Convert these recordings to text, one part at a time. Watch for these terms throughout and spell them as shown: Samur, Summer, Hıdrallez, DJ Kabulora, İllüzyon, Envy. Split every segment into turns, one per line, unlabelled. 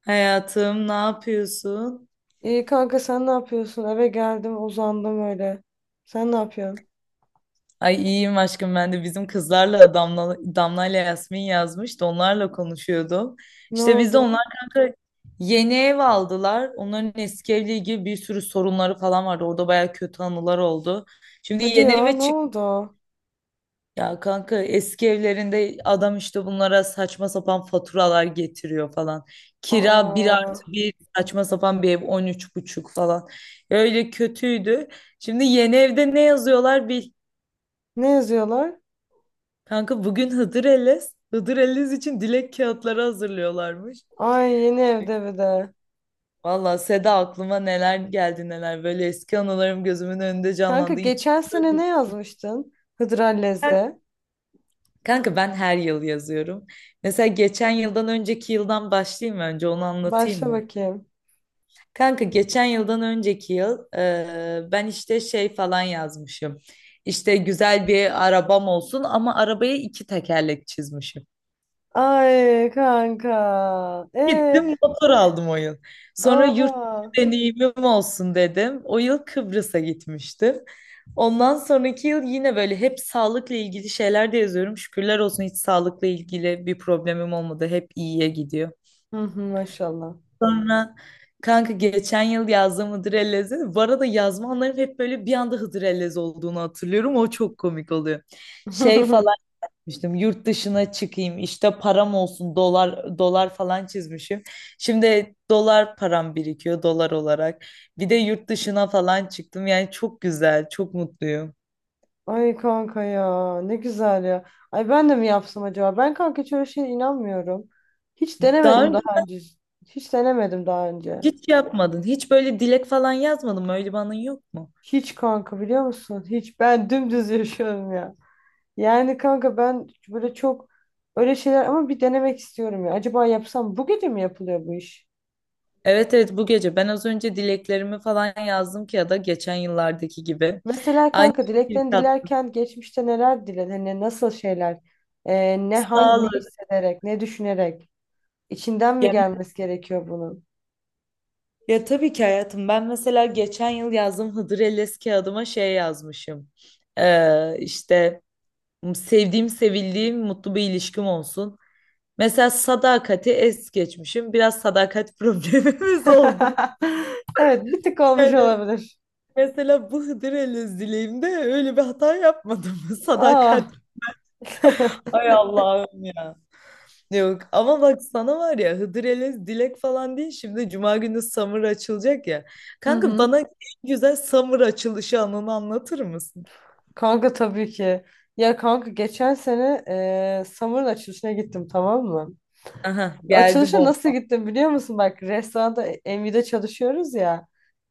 Hayatım, ne yapıyorsun?
İyi kanka sen ne yapıyorsun? Eve geldim uzandım öyle. Sen ne yapıyorsun?
Ay iyiyim aşkım, ben de bizim kızlarla Damla ile Yasmin yazmış da onlarla konuşuyordum.
Ne
İşte biz de
oldu?
onlar kanka yeni ev aldılar. Onların eski evle ilgili bir sürü sorunları falan vardı. Orada baya kötü anılar oldu. Şimdi
Hadi
yeni
ya
eve
ne
çık.
oldu?
Ya kanka eski evlerinde adam işte bunlara saçma sapan faturalar getiriyor falan. Kira bir
Aa,
artı bir saçma sapan bir ev 13,5 falan. Öyle kötüydü. Şimdi yeni evde ne yazıyorlar bil.
ne yazıyorlar?
Kanka bugün Hıdır Ellez. Hıdır Ellez için dilek kağıtları hazırlıyorlarmış.
Ay yeni evde bir de.
Valla Seda, aklıma neler geldi neler. Böyle eski anılarım gözümün önünde
Kanka
canlandı. İçim
geçen sene
böyle.
ne yazmıştın? Hıdrallez'de.
Kanka ben her yıl yazıyorum. Mesela geçen yıldan önceki yıldan başlayayım mı, önce onu anlatayım
Başla
mı?
bakayım.
Kanka geçen yıldan önceki yıl ben işte şey falan yazmışım. İşte güzel bir arabam olsun ama arabaya iki tekerlek çizmişim.
Ay kanka. E,
Gittim motor aldım o yıl. Sonra yurt dışı
Oha.
deneyimim olsun dedim. O yıl Kıbrıs'a gitmiştim. Ondan sonraki yıl yine böyle hep sağlıkla ilgili şeyler de yazıyorum. Şükürler olsun hiç sağlıkla ilgili bir problemim olmadı. Hep iyiye gidiyor.
Hı hı, maşallah.
Sonra kanka geçen yıl yazdığım Hıdır Ellez'de bu arada yazma anlarım hep böyle bir anda Hıdır Ellez olduğunu hatırlıyorum. O çok komik oluyor. Şey falan demiştim, yurt dışına çıkayım işte, param olsun, dolar dolar falan çizmişim. Şimdi dolar param birikiyor, dolar olarak. Bir de yurt dışına falan çıktım, yani çok güzel, çok mutluyum.
Ay kanka ya ne güzel ya. Ay ben de mi yapsam acaba? Ben kanka hiç öyle şeye inanmıyorum. Hiç
Daha
denemedim
önce
daha önce. Hiç denemedim daha önce.
hiç yapmadın, hiç böyle dilek falan yazmadın mı, öyle bir anın yok mu?
Hiç kanka biliyor musun? Hiç ben dümdüz yaşıyorum ya. Yani kanka ben böyle çok öyle şeyler ama bir denemek istiyorum ya. Acaba yapsam bu gece mi yapılıyor bu iş?
Evet, evet, bu gece ben az önce dileklerimi falan yazdım ki, ya da geçen yıllardaki gibi.
Mesela
Aynı
kanka
şekilde
dileklerini dilerken geçmişte neler diledin? Hani nasıl şeyler? Ne hangi ne
sağlık.
hissederek, ne düşünerek? İçinden mi
Ya,
gelmesi gerekiyor bunun?
ya, tabii ki hayatım, ben mesela geçen yıl yazdığım Hıdır Ellez kağıdıma şey yazmışım. İşte sevdiğim, sevildiğim, mutlu bir ilişkim olsun. Mesela sadakati es geçmişim. Biraz sadakat problemimiz oldu.
Evet, bir tık olmuş
Yani
olabilir.
mesela bu Hıdır Ellez dileğimde öyle bir hata yapmadım. Sadakat.
Ah.
Ay Allah'ım ya. Yok ama bak, sana var ya, Hıdrellez dilek falan değil, şimdi Cuma günü Summer açılacak ya.
Hı
Kanka
hı.
bana en güzel Summer açılışı anını anlatır mısın?
Kanka tabii ki. Ya kanka geçen sene Summer'ın açılışına gittim tamam mı?
Aha geldi
Açılışa nasıl
bomba.
gittim biliyor musun? Bak restoranda Envy'de çalışıyoruz ya.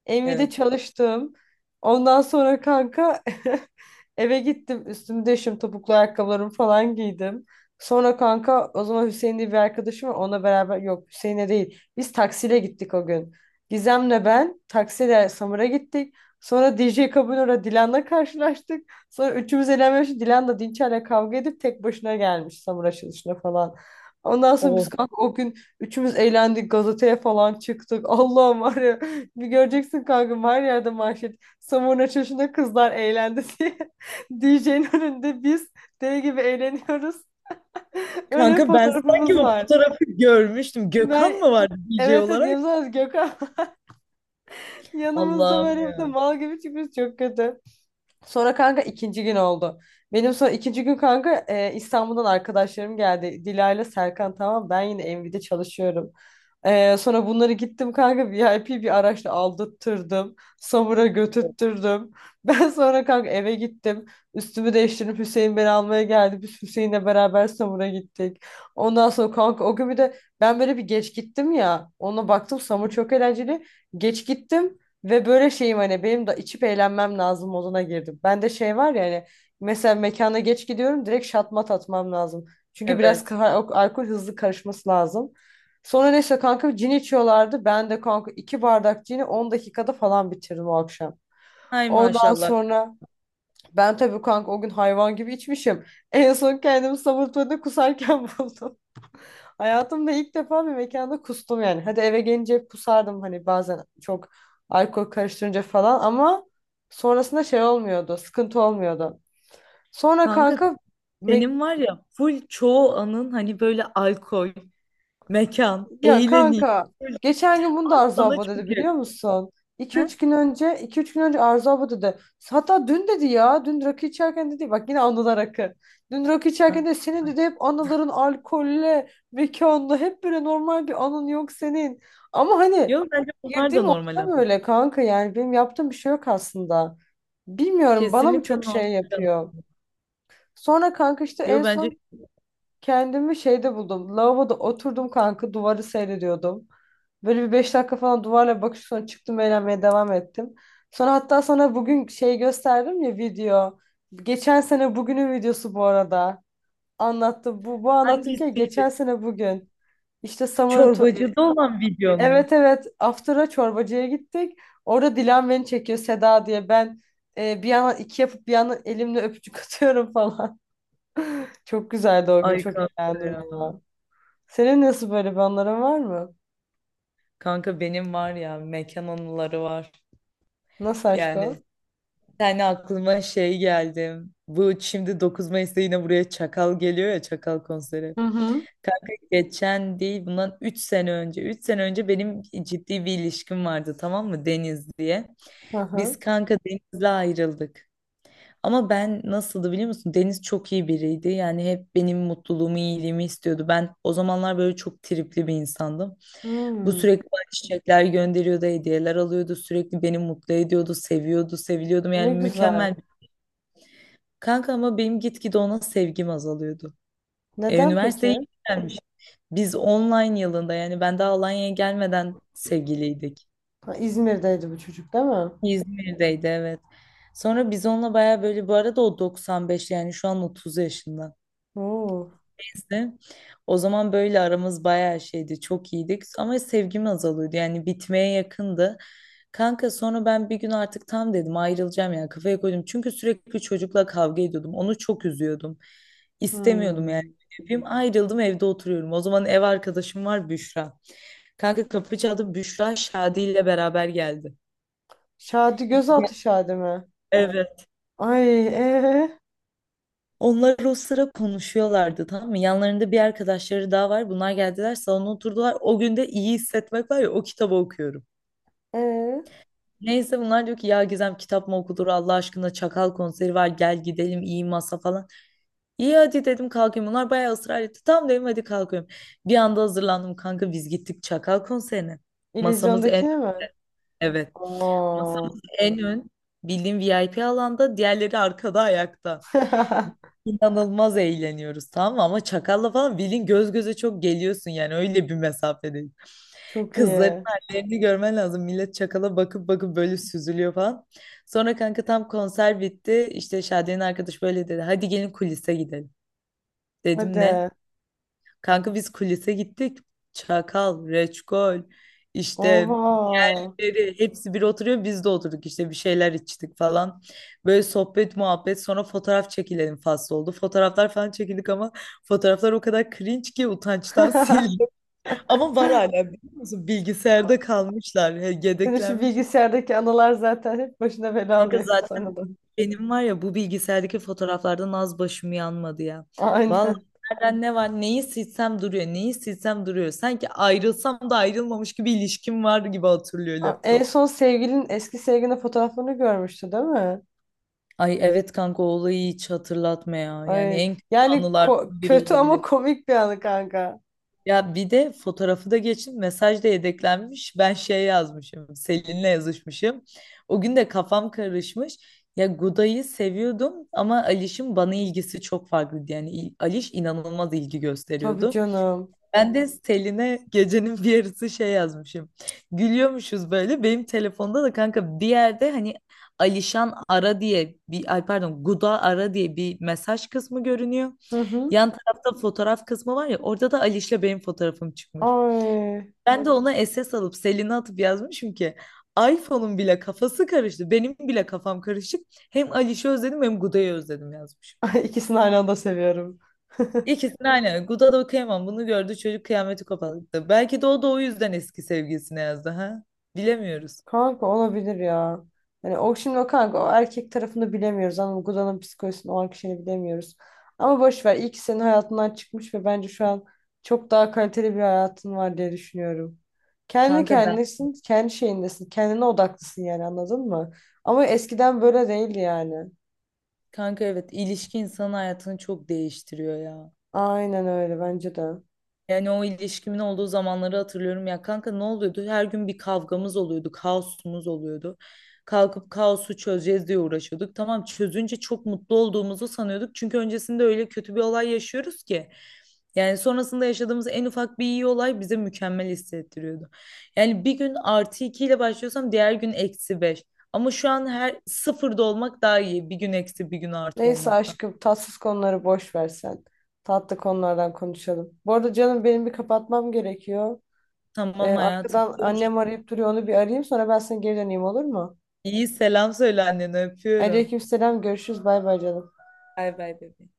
Envy'de
Evet.
çalıştım. Ondan sonra kanka eve gittim. Üstümü değiştim. Topuklu ayakkabılarımı falan giydim. Sonra kanka o zaman Hüseyin diye bir arkadaşım var. Onunla beraber yok Hüseyin'e değil. Biz taksiyle gittik o gün. Gizem'le ben taksiyle Samur'a gittik. Sonra DJ Kabulora Dilan'la karşılaştık. Sonra üçümüz eğlenmeye başladık. Dilan da Dinçer'le kavga edip tek başına gelmiş Samur açılışına falan. Ondan sonra biz
Oh,
kanka o gün üçümüz eğlendik gazeteye falan çıktık. Allah'ım var ya bir göreceksin kanka her yerde manşet. Samurun açılışında kızlar eğlendi diye. DJ'nin önünde biz deli gibi eğleniyoruz. Öyle bir
kanka, ben sanki
fotoğrafımız
o
var.
fotoğrafı görmüştüm.
Ben
Gökhan mı vardı DJ
evet evet
olarak?
yanımızda Gökhan yanımızda
Allah'ım
böyle bir de
ya.
mal gibi çıkmış çok kötü. Sonra kanka ikinci gün oldu. Benim sonra ikinci gün kanka İstanbul'dan arkadaşlarım geldi. Dilayla Serkan tamam ben yine Envy'de çalışıyorum. Sonra bunları gittim kanka VIP bir araçla aldırttırdım. Samur'a götürttürdüm. Ben sonra kanka eve gittim. Üstümü değiştirip Hüseyin beni almaya geldi. Biz Hüseyin'le beraber Samur'a gittik. Ondan sonra kanka o gün bir de ben böyle bir geç gittim ya. Ona baktım Samur çok eğlenceli. Geç gittim. Ve böyle şeyim hani benim de içip eğlenmem lazım moduna girdim. Ben de şey var ya hani mesela mekana geç gidiyorum direkt şatmat atmam lazım. Çünkü biraz
Evet.
alkol hızlı karışması lazım. Sonra neyse kanka cin içiyorlardı. Ben de kanka iki bardak cini 10 dakikada falan bitirdim o akşam.
Hay
Ondan
maşallah.
sonra ben tabii kanka o gün hayvan gibi içmişim. En son kendimi sabun tuvaletinde kusarken buldum. Hayatımda ilk defa bir mekanda kustum yani. Hadi eve gelince kusardım hani bazen çok alkol karıştırınca falan ama sonrasında şey olmuyordu, sıkıntı olmuyordu. Sonra
Kanka
kanka me
senin var ya, full çoğu anın hani böyle alkol, mekan,
Ya
eğleniş.
kanka
Full.
geçen gün bunu da Arzu
Sana
abla dedi
çok
biliyor
yakın.
musun? 2 üç
Ha?
gün önce iki üç gün önce Arzu abla dedi. Hatta dün dedi ya dün rakı içerken dedi bak yine anılar rakı. Dün rakı
Ha.
içerken de senin
Ha.
dedi hep anıların alkolle mekanla hep böyle normal bir anın yok senin. Ama hani
Yok, bence bunlar
girdiğim
da normal.
ortam öyle kanka yani benim yaptığım bir şey yok aslında. Bilmiyorum bana mı
Kesinlikle
çok
normal,
şey
canım.
yapıyor. Sonra kanka işte
Yo,
en
bence
son kendimi şeyde buldum. Lavaboda oturdum kanka duvarı seyrediyordum. Böyle bir 5 dakika falan duvarla bakış sonra çıktım eğlenmeye devam ettim. Sonra hatta sana bugün şey gösterdim ya video. Geçen sene bugünün videosu bu arada. Anlattım. Bu anlatırken geçen
hangisiydi?
sene bugün. İşte Summer'ın...
Çorbacıda olan videon mu?
Evet evet After'a çorbacıya gittik. Orada Dilan beni çekiyor Seda diye. Ben bir yandan iki yapıp bir yandan elimle öpücük atıyorum falan. Çok güzeldi o gün.
Ay
Çok
kanka
eğlendim
ya.
ya. Senin nasıl böyle bir anların var mı?
Kanka benim var ya, mekan anıları var.
Nasıl aşk
Yani
o?
yani aklıma şey geldi. Bu şimdi 9 Mayıs'ta yine buraya Çakal geliyor ya, Çakal konseri.
Hı hı.
Kanka geçen değil, bundan 3 sene önce. 3 sene önce benim ciddi bir ilişkim vardı, tamam mı, Deniz diye.
Hı
Biz
hı.
kanka Deniz'le ayrıldık. Ama ben nasıldı biliyor musun? Deniz çok iyi biriydi. Yani hep benim mutluluğumu, iyiliğimi istiyordu. Ben o zamanlar böyle çok tripli bir insandım. Bu
Hmm,
sürekli bana çiçekler gönderiyordu, hediyeler alıyordu. Sürekli beni mutlu ediyordu, seviyordu, seviliyordum. Yani
ne
mükemmel.
güzel.
Kanka ama benim gitgide ona sevgim azalıyordu.
Neden
Üniversiteye
peki?
gelmiş. Biz online yılında, yani ben daha Alanya'ya gelmeden sevgiliydik.
Ha, İzmir'deydi bu çocuk değil mi?
İzmir'deydi evet. Sonra biz onunla baya böyle, bu arada o 95, yani şu an 30 yaşında
Oo.
bize. O zaman böyle aramız bayağı şeydi, çok iyiydik, ama sevgim azalıyordu, yani bitmeye yakındı. Kanka sonra ben bir gün artık tam dedim ayrılacağım, yani kafaya koydum. Çünkü sürekli çocukla kavga ediyordum. Onu çok üzüyordum. İstemiyordum yani.
Hmm.
Yapayım. Ayrıldım, evde oturuyorum. O zaman ev arkadaşım var, Büşra. Kanka kapı çaldı, Büşra Şadi ile beraber geldi.
Şadi gözaltı Şadi mi?
Evet.
Ay
Onlar o sıra konuşuyorlardı tamam mı? Yanlarında bir arkadaşları daha var. Bunlar geldiler salona oturdular. O gün de iyi hissetmek var ya, o kitabı okuyorum.
ee.
Neyse bunlar diyor ki, ya Gizem kitap mı okulur Allah aşkına, Çakal konseri var, gel gidelim, iyi masa falan. İyi, hadi dedim, kalkayım, bunlar bayağı ısrar etti. Tamam dedim, hadi kalkıyorum. Bir anda hazırlandım kanka, biz gittik Çakal konserine. Masamız en
İllüzyondakini mi?
evet
Oo.
masamız en ön, bildiğim VIP alanda, diğerleri arkada ayakta. İnanılmaz eğleniyoruz tamam mı? Ama çakalla falan bilin göz göze çok geliyorsun, yani öyle bir mesafedeyiz.
Çok
Kızların
iyi.
hallerini görmen lazım. Millet çakala bakıp bakıp böyle süzülüyor falan. Sonra kanka tam konser bitti. İşte Şadiye'nin arkadaş böyle dedi, hadi gelin kulise gidelim. Dedim ne?
Hadi.
Kanka biz kulise gittik. Çakal, Reçkol, işte
Oha.
Beri, hepsi bir oturuyor, biz de oturduk, işte bir şeyler içtik falan. Böyle sohbet muhabbet, sonra fotoğraf çekilelim faslı oldu. Fotoğraflar falan çekildik ama fotoğraflar o kadar cringe ki utançtan sildim. Ama var hala biliyor musun? Bilgisayarda kalmışlar,
Senin şu
yedeklenmiş.
bilgisayardaki anılar zaten hep başına bela
Kanka
alıyor
zaten
sana da.
benim var ya, bu bilgisayardaki fotoğraflardan az başım yanmadı ya. Vallahi
Aynen.
nereden ne var, neyi silsem duruyor, neyi silsem duruyor. Sanki ayrılsam da ayrılmamış gibi, ilişkim var gibi hatırlıyor
Aa, en
laptop.
son sevgilin eski sevgilinin fotoğraflarını görmüştü değil mi?
Ay evet kanka, o olayı hiç hatırlatma ya. Yani
Ay,
en kötü
yani
anılardan biri
kötü ama
olabilir.
komik bir anı kanka.
Ya bir de fotoğrafı da geçin, mesaj da yedeklenmiş. Ben şey yazmışım, Selin'le yazışmışım. O gün de kafam karışmış. Ya Guda'yı seviyordum ama Aliş'in bana ilgisi çok farklıydı. Yani Aliş inanılmaz ilgi
Tabii
gösteriyordu.
canım.
Ben de Selin'e gecenin bir yarısı şey yazmışım. Gülüyormuşuz böyle. Benim telefonda da kanka bir yerde hani Alişan ara diye, bir ay pardon, Guda ara diye bir mesaj kısmı görünüyor.
Hı hı.
Yan tarafta fotoğraf kısmı var ya, orada da Aliş'le benim fotoğrafım çıkmış.
Ay.
Ben de ona SS alıp Selin'e atıp yazmışım ki, iPhone'un bile kafası karıştı, benim bile kafam karışık. Hem Aliş'i özledim hem Guda'yı özledim yazmışım.
Ay, ikisini aynı anda seviyorum.
İkisini aynı. Guda da kıyamam. Bunu gördü çocuk, kıyameti koparttı. Belki de o da o yüzden eski sevgilisine yazdı ha. Bilemiyoruz.
Kanka olabilir ya. Yani o şimdi o kanka o erkek tarafını bilemiyoruz. Anladın mı? Gudan'ın psikolojisini o an kişinin bilemiyoruz. Ama boş ver. İyi ki senin hayatından çıkmış ve bence şu an çok daha kaliteli bir hayatın var diye düşünüyorum. Kendi
Kanka ben.
kendisin, kendi şeyindesin. Kendine odaklısın yani anladın mı? Ama eskiden böyle değildi yani.
Kanka evet, ilişki insanın hayatını çok değiştiriyor ya.
Aynen öyle bence de.
Yani o ilişkimin olduğu zamanları hatırlıyorum ya kanka, ne oluyordu? Her gün bir kavgamız oluyordu, kaosumuz oluyordu. Kalkıp kaosu çözeceğiz diye uğraşıyorduk. Tamam, çözünce çok mutlu olduğumuzu sanıyorduk. Çünkü öncesinde öyle kötü bir olay yaşıyoruz ki. Yani sonrasında yaşadığımız en ufak bir iyi olay bize mükemmel hissettiriyordu. Yani bir gün artı iki ile başlıyorsam, diğer gün eksi beş. Ama şu an her sıfırda olmak daha iyi. Bir gün eksi, bir gün artı
Neyse
olmaktan.
aşkım tatsız konuları boş ver sen. Tatlı konulardan konuşalım. Bu arada canım benim bir kapatmam gerekiyor.
Tamam hayatım.
Arkadan annem arayıp duruyor onu bir arayayım sonra ben sana geri döneyim olur mu?
İyi, selam söyle annene, öpüyorum.
Aleykümselam görüşürüz bay bay canım.
Bay bay bebeğim.